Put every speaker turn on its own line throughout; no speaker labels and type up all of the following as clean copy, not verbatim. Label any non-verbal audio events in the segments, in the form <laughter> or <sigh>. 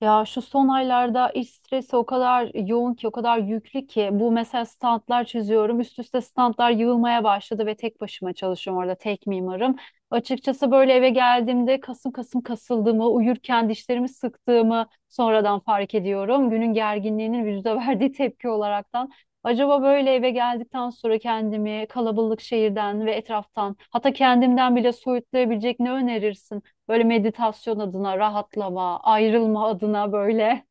Ya şu son aylarda iş stresi o kadar yoğun ki, o kadar yüklü ki bu mesela standlar çiziyorum. Üst üste standlar yığılmaya başladı ve tek başıma çalışıyorum orada tek mimarım. Açıkçası böyle eve geldiğimde kasım kasım kasıldığımı, uyurken dişlerimi sıktığımı sonradan fark ediyorum. Günün gerginliğinin vücuda <laughs> verdiği tepki olaraktan. Acaba böyle eve geldikten sonra kendimi kalabalık şehirden ve etraftan hatta kendimden bile soyutlayabilecek ne önerirsin? Böyle meditasyon adına, rahatlama, ayrılma adına böyle.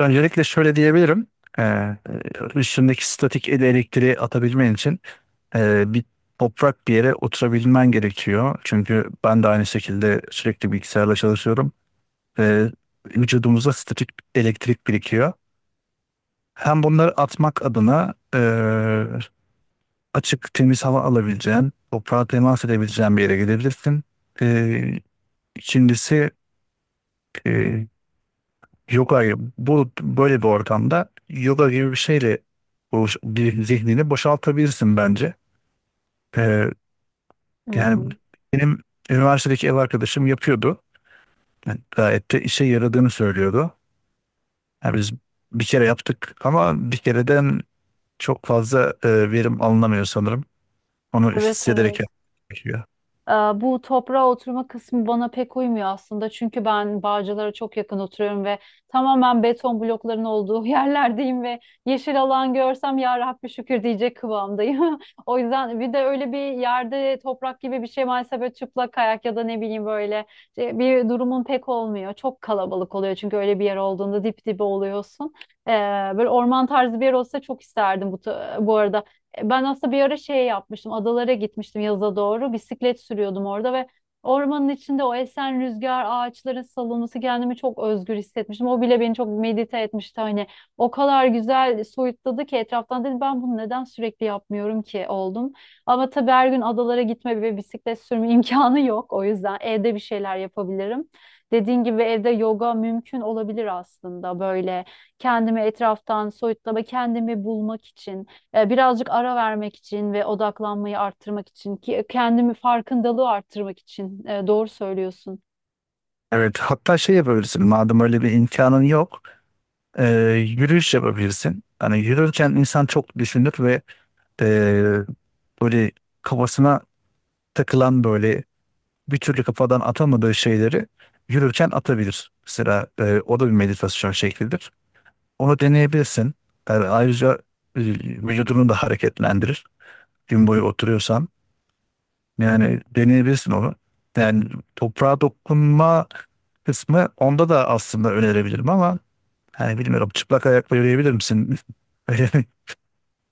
Öncelikle şöyle diyebilirim. Ee, ışındaki statik elektriği atabilmen için bir toprak bir yere oturabilmen gerekiyor. Çünkü ben de aynı şekilde sürekli bilgisayarla çalışıyorum. Ve vücudumuzda statik elektrik birikiyor. Hem bunları atmak adına açık temiz hava alabileceğin, toprağa temas edebileceğin bir yere gidebilirsin. E, ikincisi e, yoga bu böyle bir ortamda yoga gibi bir şeyle bu bir zihnini boşaltabilirsin bence. Ee,
Hı
yani
hı.
benim üniversitedeki ev arkadaşım yapıyordu. Yani gayet de işe yaradığını söylüyordu. Yani biz bir kere yaptık ama bir kereden çok fazla verim alınamıyor sanırım. Onu
Evet,
hissederek
evet.
yapmak gerekiyor.
Ee, Bu toprağa oturma kısmı bana pek uymuyor aslında. Çünkü ben Bağcılar'a çok yakın oturuyorum ve tamamen beton blokların olduğu <laughs> yerlerdeyim ve yeşil alan görsem ya Rabbi şükür diyecek kıvamdayım. <laughs> O yüzden bir de öyle bir yerde toprak gibi bir şey maalesef böyle çıplak kayak ya da ne bileyim böyle bir durumun pek olmuyor. Çok kalabalık oluyor çünkü öyle bir yer olduğunda dip dibe oluyorsun. Ee, Böyle orman tarzı bir yer olsa çok isterdim bu, bu arada. Ben aslında bir ara şey yapmıştım. Adalara gitmiştim yaza doğru. Bisiklet sürüyordum orada ve ormanın içinde o esen rüzgar, ağaçların salınması kendimi çok özgür hissetmiştim. O bile beni çok medite etmişti. Hani o kadar güzel soyutladı ki etraftan dedim ben bunu neden sürekli yapmıyorum ki oldum. Ama tabii her gün adalara gitme ve bisiklet sürme <laughs> imkanı yok. O yüzden evde bir şeyler yapabilirim. Dediğin gibi evde yoga mümkün olabilir aslında böyle kendimi etraftan soyutlama, kendimi bulmak için birazcık ara vermek için ve odaklanmayı arttırmak için ki kendimi farkındalığı arttırmak için doğru söylüyorsun.
Evet, hatta şey yapabilirsin. Madem öyle bir imkanın yok, e, yürüyüş yapabilirsin. Hani yürürken insan çok düşünür ve e, böyle kafasına takılan böyle bir türlü kafadan atamadığı şeyleri yürürken atabilir. Mesela o da bir meditasyon şeklidir. Onu deneyebilirsin. Yani ayrıca e, vücudunu da hareketlendirir. Gün boyu oturuyorsan yani deneyebilirsin onu. Yani toprağa dokunma kısmı onda da aslında önerebilirim ama hani bilmiyorum, çıplak ayakla yürüyebilir misin? <laughs> <laughs>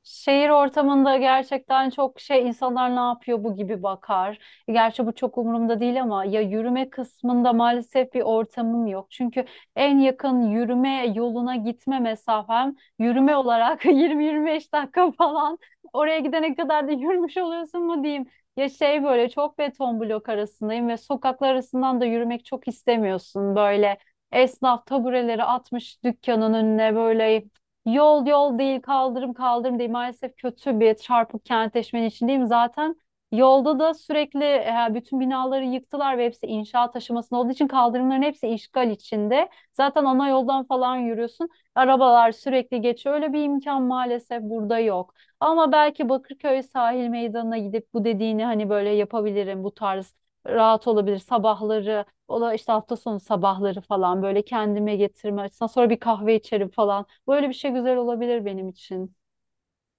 Şehir ortamında gerçekten çok şey insanlar ne yapıyor bu gibi bakar. Gerçi bu çok umurumda değil ama ya yürüme kısmında maalesef bir ortamım yok. Çünkü en yakın yürüme yoluna gitme mesafem yürüme olarak <laughs> 20-25 dakika falan. Oraya gidene kadar da yürümüş oluyorsun mu diyeyim. Ya şey böyle çok beton blok arasındayım ve sokaklar arasından da yürümek çok istemiyorsun. Böyle esnaf tabureleri atmış dükkanın önüne böyle. Yol yol değil, kaldırım kaldırım değil. Maalesef kötü bir çarpık kentleşmenin içindeyim. Zaten yolda da sürekli bütün binaları yıktılar ve hepsi inşaat aşamasında olduğu için kaldırımların hepsi işgal içinde. Zaten ana yoldan falan yürüyorsun. Arabalar sürekli geçiyor. Öyle bir imkan maalesef burada yok. Ama belki Bakırköy sahil meydanına gidip bu dediğini hani böyle yapabilirim. Bu tarz rahat olabilir. Sabahları, ola işte hafta sonu sabahları falan böyle kendime getirme açısından sonra bir kahve içerim falan. Böyle bir şey güzel olabilir benim için.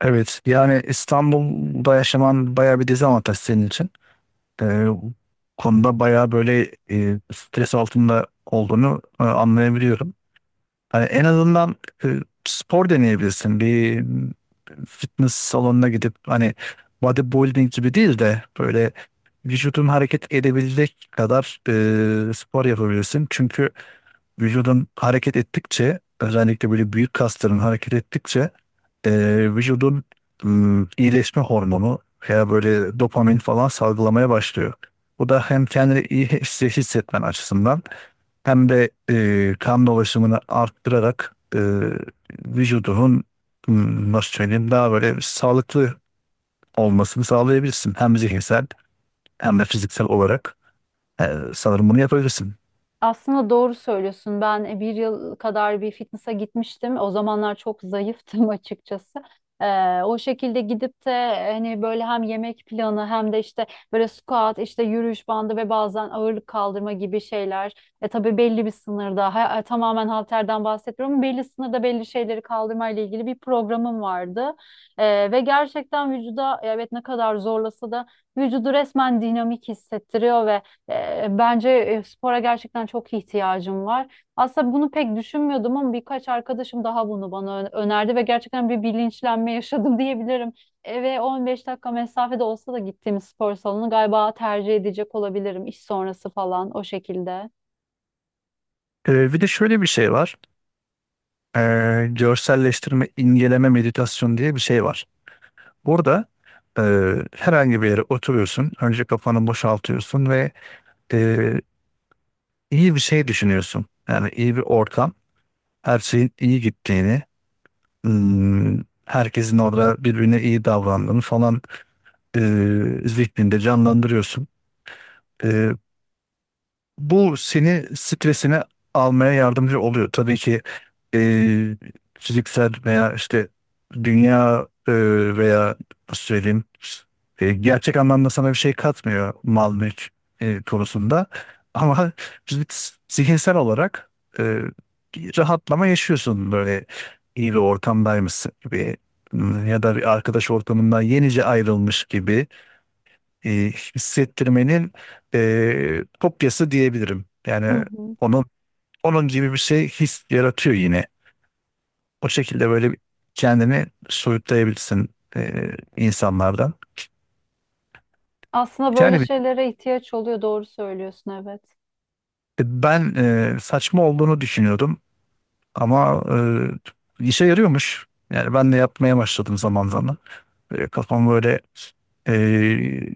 Evet, yani İstanbul'da yaşaman bayağı bir dezavantaj senin için. Bu konuda bayağı böyle stres altında olduğunu anlayabiliyorum. Hani en azından e, spor deneyebilirsin. Bir fitness salonuna gidip hani bodybuilding gibi değil de böyle vücudun hareket edebilecek kadar spor yapabilirsin. Çünkü vücudun hareket ettikçe, özellikle böyle büyük kasların hareket ettikçe, e, vücudun iyileşme hormonu veya böyle dopamin falan salgılamaya başlıyor. Bu da hem kendini iyi hissetmen açısından hem de kan dolaşımını arttırarak vücudunun nasıl söyleyeyim, daha böyle sağlıklı olmasını sağlayabilirsin. Hem zihinsel hem de fiziksel olarak. Sanırım bunu yapabilirsin.
Aslında doğru söylüyorsun. Ben 1 yıl kadar bir fitness'a gitmiştim. O zamanlar çok zayıftım <laughs> açıkçası. O şekilde gidip de hani böyle hem yemek planı hem de işte böyle squat, işte yürüyüş bandı ve bazen ağırlık kaldırma gibi şeyler. E tabii belli bir sınırda, tamamen halterden bahsetmiyorum. Belli sınırda belli şeyleri kaldırmayla ilgili bir programım vardı. Ve gerçekten vücuda evet ne kadar zorlasa da vücudu resmen dinamik hissettiriyor ve bence spora gerçekten çok ihtiyacım var. Aslında bunu pek düşünmüyordum ama birkaç arkadaşım daha bunu bana önerdi ve gerçekten bir bilinçlenme yaşadım <laughs> diyebilirim. Eve 15 dakika mesafede olsa da gittiğim spor salonu galiba tercih edecek olabilirim iş sonrası falan o şekilde.
Bir de şöyle bir şey var. e, Görselleştirme, inceleme meditasyon diye bir şey var. Burada e, herhangi bir yere oturuyorsun, önce kafanı boşaltıyorsun ve e, iyi bir şey düşünüyorsun. Yani iyi bir ortam, her şeyin iyi gittiğini, herkesin orada birbirine iyi davrandığını falan e, zihninde canlandırıyorsun. E, Bu seni stresine almaya yardımcı oluyor. Tabii ki e, fiziksel veya işte dünya veya nasıl söyleyeyim, gerçek anlamda sana bir şey katmıyor mal mülk konusunda. Ama zihinsel olarak e, bir rahatlama yaşıyorsun, böyle iyi bir ortamdaymışsın gibi ya da bir arkadaş ortamından yenice ayrılmış gibi e, hissettirmenin kopyası diyebilirim.
Hı
Yani
hı.
onun onun gibi bir şey his yaratıyor yine. O şekilde böyle bir kendini soyutlayabilirsin e, insanlardan.
Aslında böyle
Yani
şeylere ihtiyaç oluyor, doğru söylüyorsun, evet.
ben saçma olduğunu düşünüyordum ama işe yarıyormuş. Yani ben de yapmaya başladım zaman zaman. Böyle kafamı böyle e,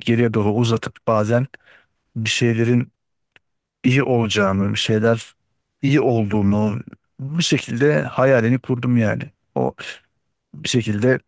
geriye doğru uzatıp bazen bir şeylerin iyi olacağını, bir şeyler iyi olduğunu bir şekilde hayalini kurdum yani. O bir şekilde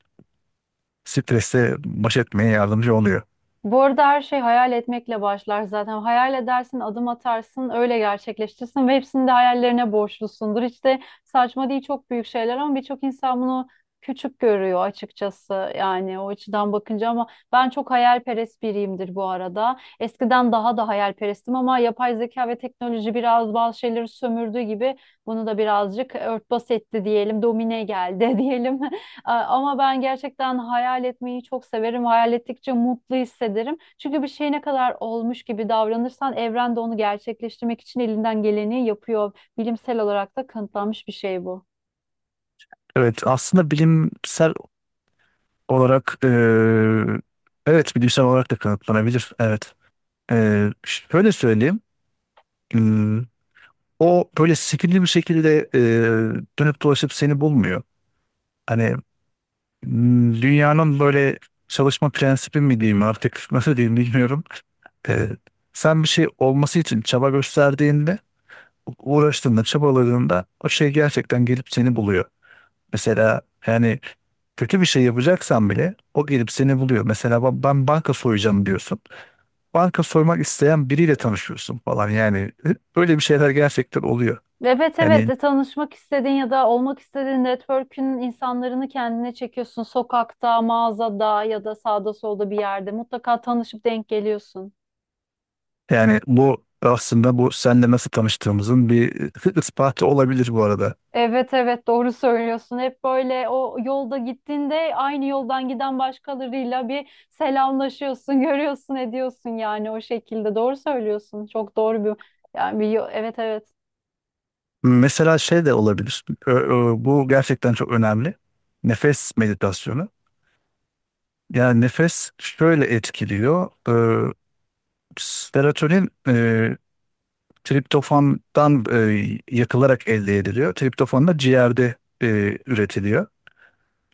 stresle baş etmeye yardımcı oluyor.
Bu arada her şey hayal etmekle başlar zaten. Hayal edersin, adım atarsın, öyle gerçekleştirsin ve hepsini de hayallerine borçlusundur. İşte saçma değil çok büyük şeyler ama birçok insan bunu küçük görüyor açıkçası. Yani o açıdan bakınca ama ben çok hayalperest biriyimdir bu arada. Eskiden daha da hayalperestim ama yapay zeka ve teknoloji biraz bazı şeyleri sömürdüğü gibi bunu da birazcık örtbas etti diyelim, domine geldi <laughs> diyelim. Ama ben gerçekten hayal etmeyi çok severim. Hayal ettikçe mutlu hissederim. Çünkü bir şey ne kadar olmuş gibi davranırsan evren de onu gerçekleştirmek için elinden geleni yapıyor. Bilimsel olarak da kanıtlanmış bir şey bu.
Evet, aslında bilimsel olarak evet, bilimsel olarak da kanıtlanabilir. Evet. Şöyle söyleyeyim. Hmm, O böyle sihirli bir şekilde dönüp dolaşıp seni bulmuyor. Hani dünyanın böyle çalışma prensibi mi diyeyim artık, <laughs> nasıl diyeyim bilmiyorum. Eee, sen bir şey olması için çaba gösterdiğinde, uğraştığında, çabaladığında o şey gerçekten gelip seni buluyor. Mesela yani kötü bir şey yapacaksan bile o gelip seni buluyor. Mesela ben banka soyacağım diyorsun. Banka soymak isteyen biriyle tanışıyorsun falan, yani böyle bir şeyler gerçekten oluyor.
Evet, evet.
Yani
Tanışmak istediğin ya da olmak istediğin network'ün insanlarını kendine çekiyorsun. Sokakta, mağazada ya da sağda solda bir yerde mutlaka tanışıp denk geliyorsun.
yani bu aslında bu senle nasıl tanıştığımızın bir <laughs> ispatı olabilir bu arada.
Evet, evet, doğru söylüyorsun. Hep böyle o yolda gittiğinde aynı yoldan giden başkalarıyla bir selamlaşıyorsun, <laughs> görüyorsun, ediyorsun yani o şekilde. Doğru söylüyorsun. Çok doğru bir yani bir evet, evet.
Mesela şey de olabilir. Bu gerçekten çok önemli. Nefes meditasyonu. Yani nefes şöyle etkiliyor. Serotonin triptofandan yakılarak elde ediliyor. Triptofan da ciğerde e, üretiliyor.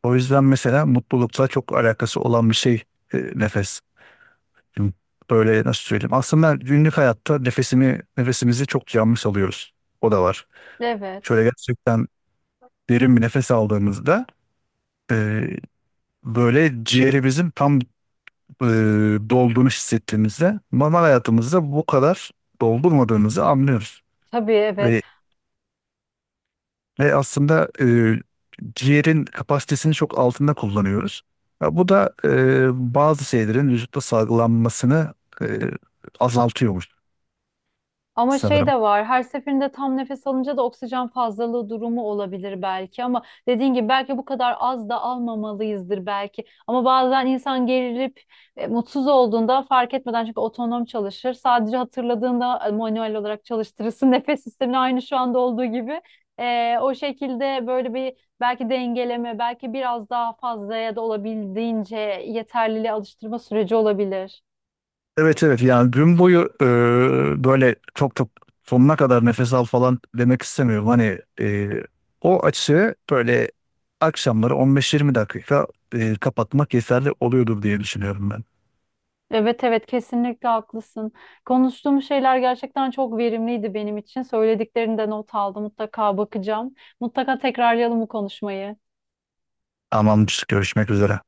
O yüzden mesela mutlulukla çok alakası olan bir şey nefes. Şimdi, böyle nasıl söyleyeyim? Aslında günlük hayatta nefesimizi çok yanlış alıyoruz. O da var.
Evet.
Şöyle gerçekten derin bir nefes aldığımızda, e, böyle ciğerimizin tam e, dolduğunu hissettiğimizde, normal hayatımızda bu kadar doldurmadığımızı anlıyoruz
Tabii, evet.
ve Ve aslında ciğerin kapasitesini çok altında kullanıyoruz. Ya bu da bazı şeylerin vücutta salgılanmasını e, azaltıyormuş
Ama şey
sanırım.
de var, her seferinde tam nefes alınca da oksijen fazlalığı durumu olabilir belki ama dediğin gibi belki bu kadar az da almamalıyızdır belki. Ama bazen insan gerilip mutsuz olduğunda fark etmeden çünkü otonom çalışır. Sadece hatırladığında manuel olarak çalıştırırsın <laughs> nefes sistemini aynı şu anda olduğu gibi. O şekilde böyle bir belki dengeleme belki biraz daha fazla ya da olabildiğince yeterliliğe alıştırma süreci olabilir.
Evet, evet, yani gün boyu böyle çok çok sonuna kadar nefes al falan demek istemiyorum. Hani o açığı böyle akşamları 15-20 dakika kapatmak yeterli oluyordur diye düşünüyorum ben.
Evet, evet, kesinlikle haklısın. Konuştuğum şeyler gerçekten çok verimliydi benim için. Söylediklerini de not aldım. Mutlaka bakacağım. Mutlaka tekrarlayalım bu konuşmayı.
Tamamdır. Görüşmek üzere.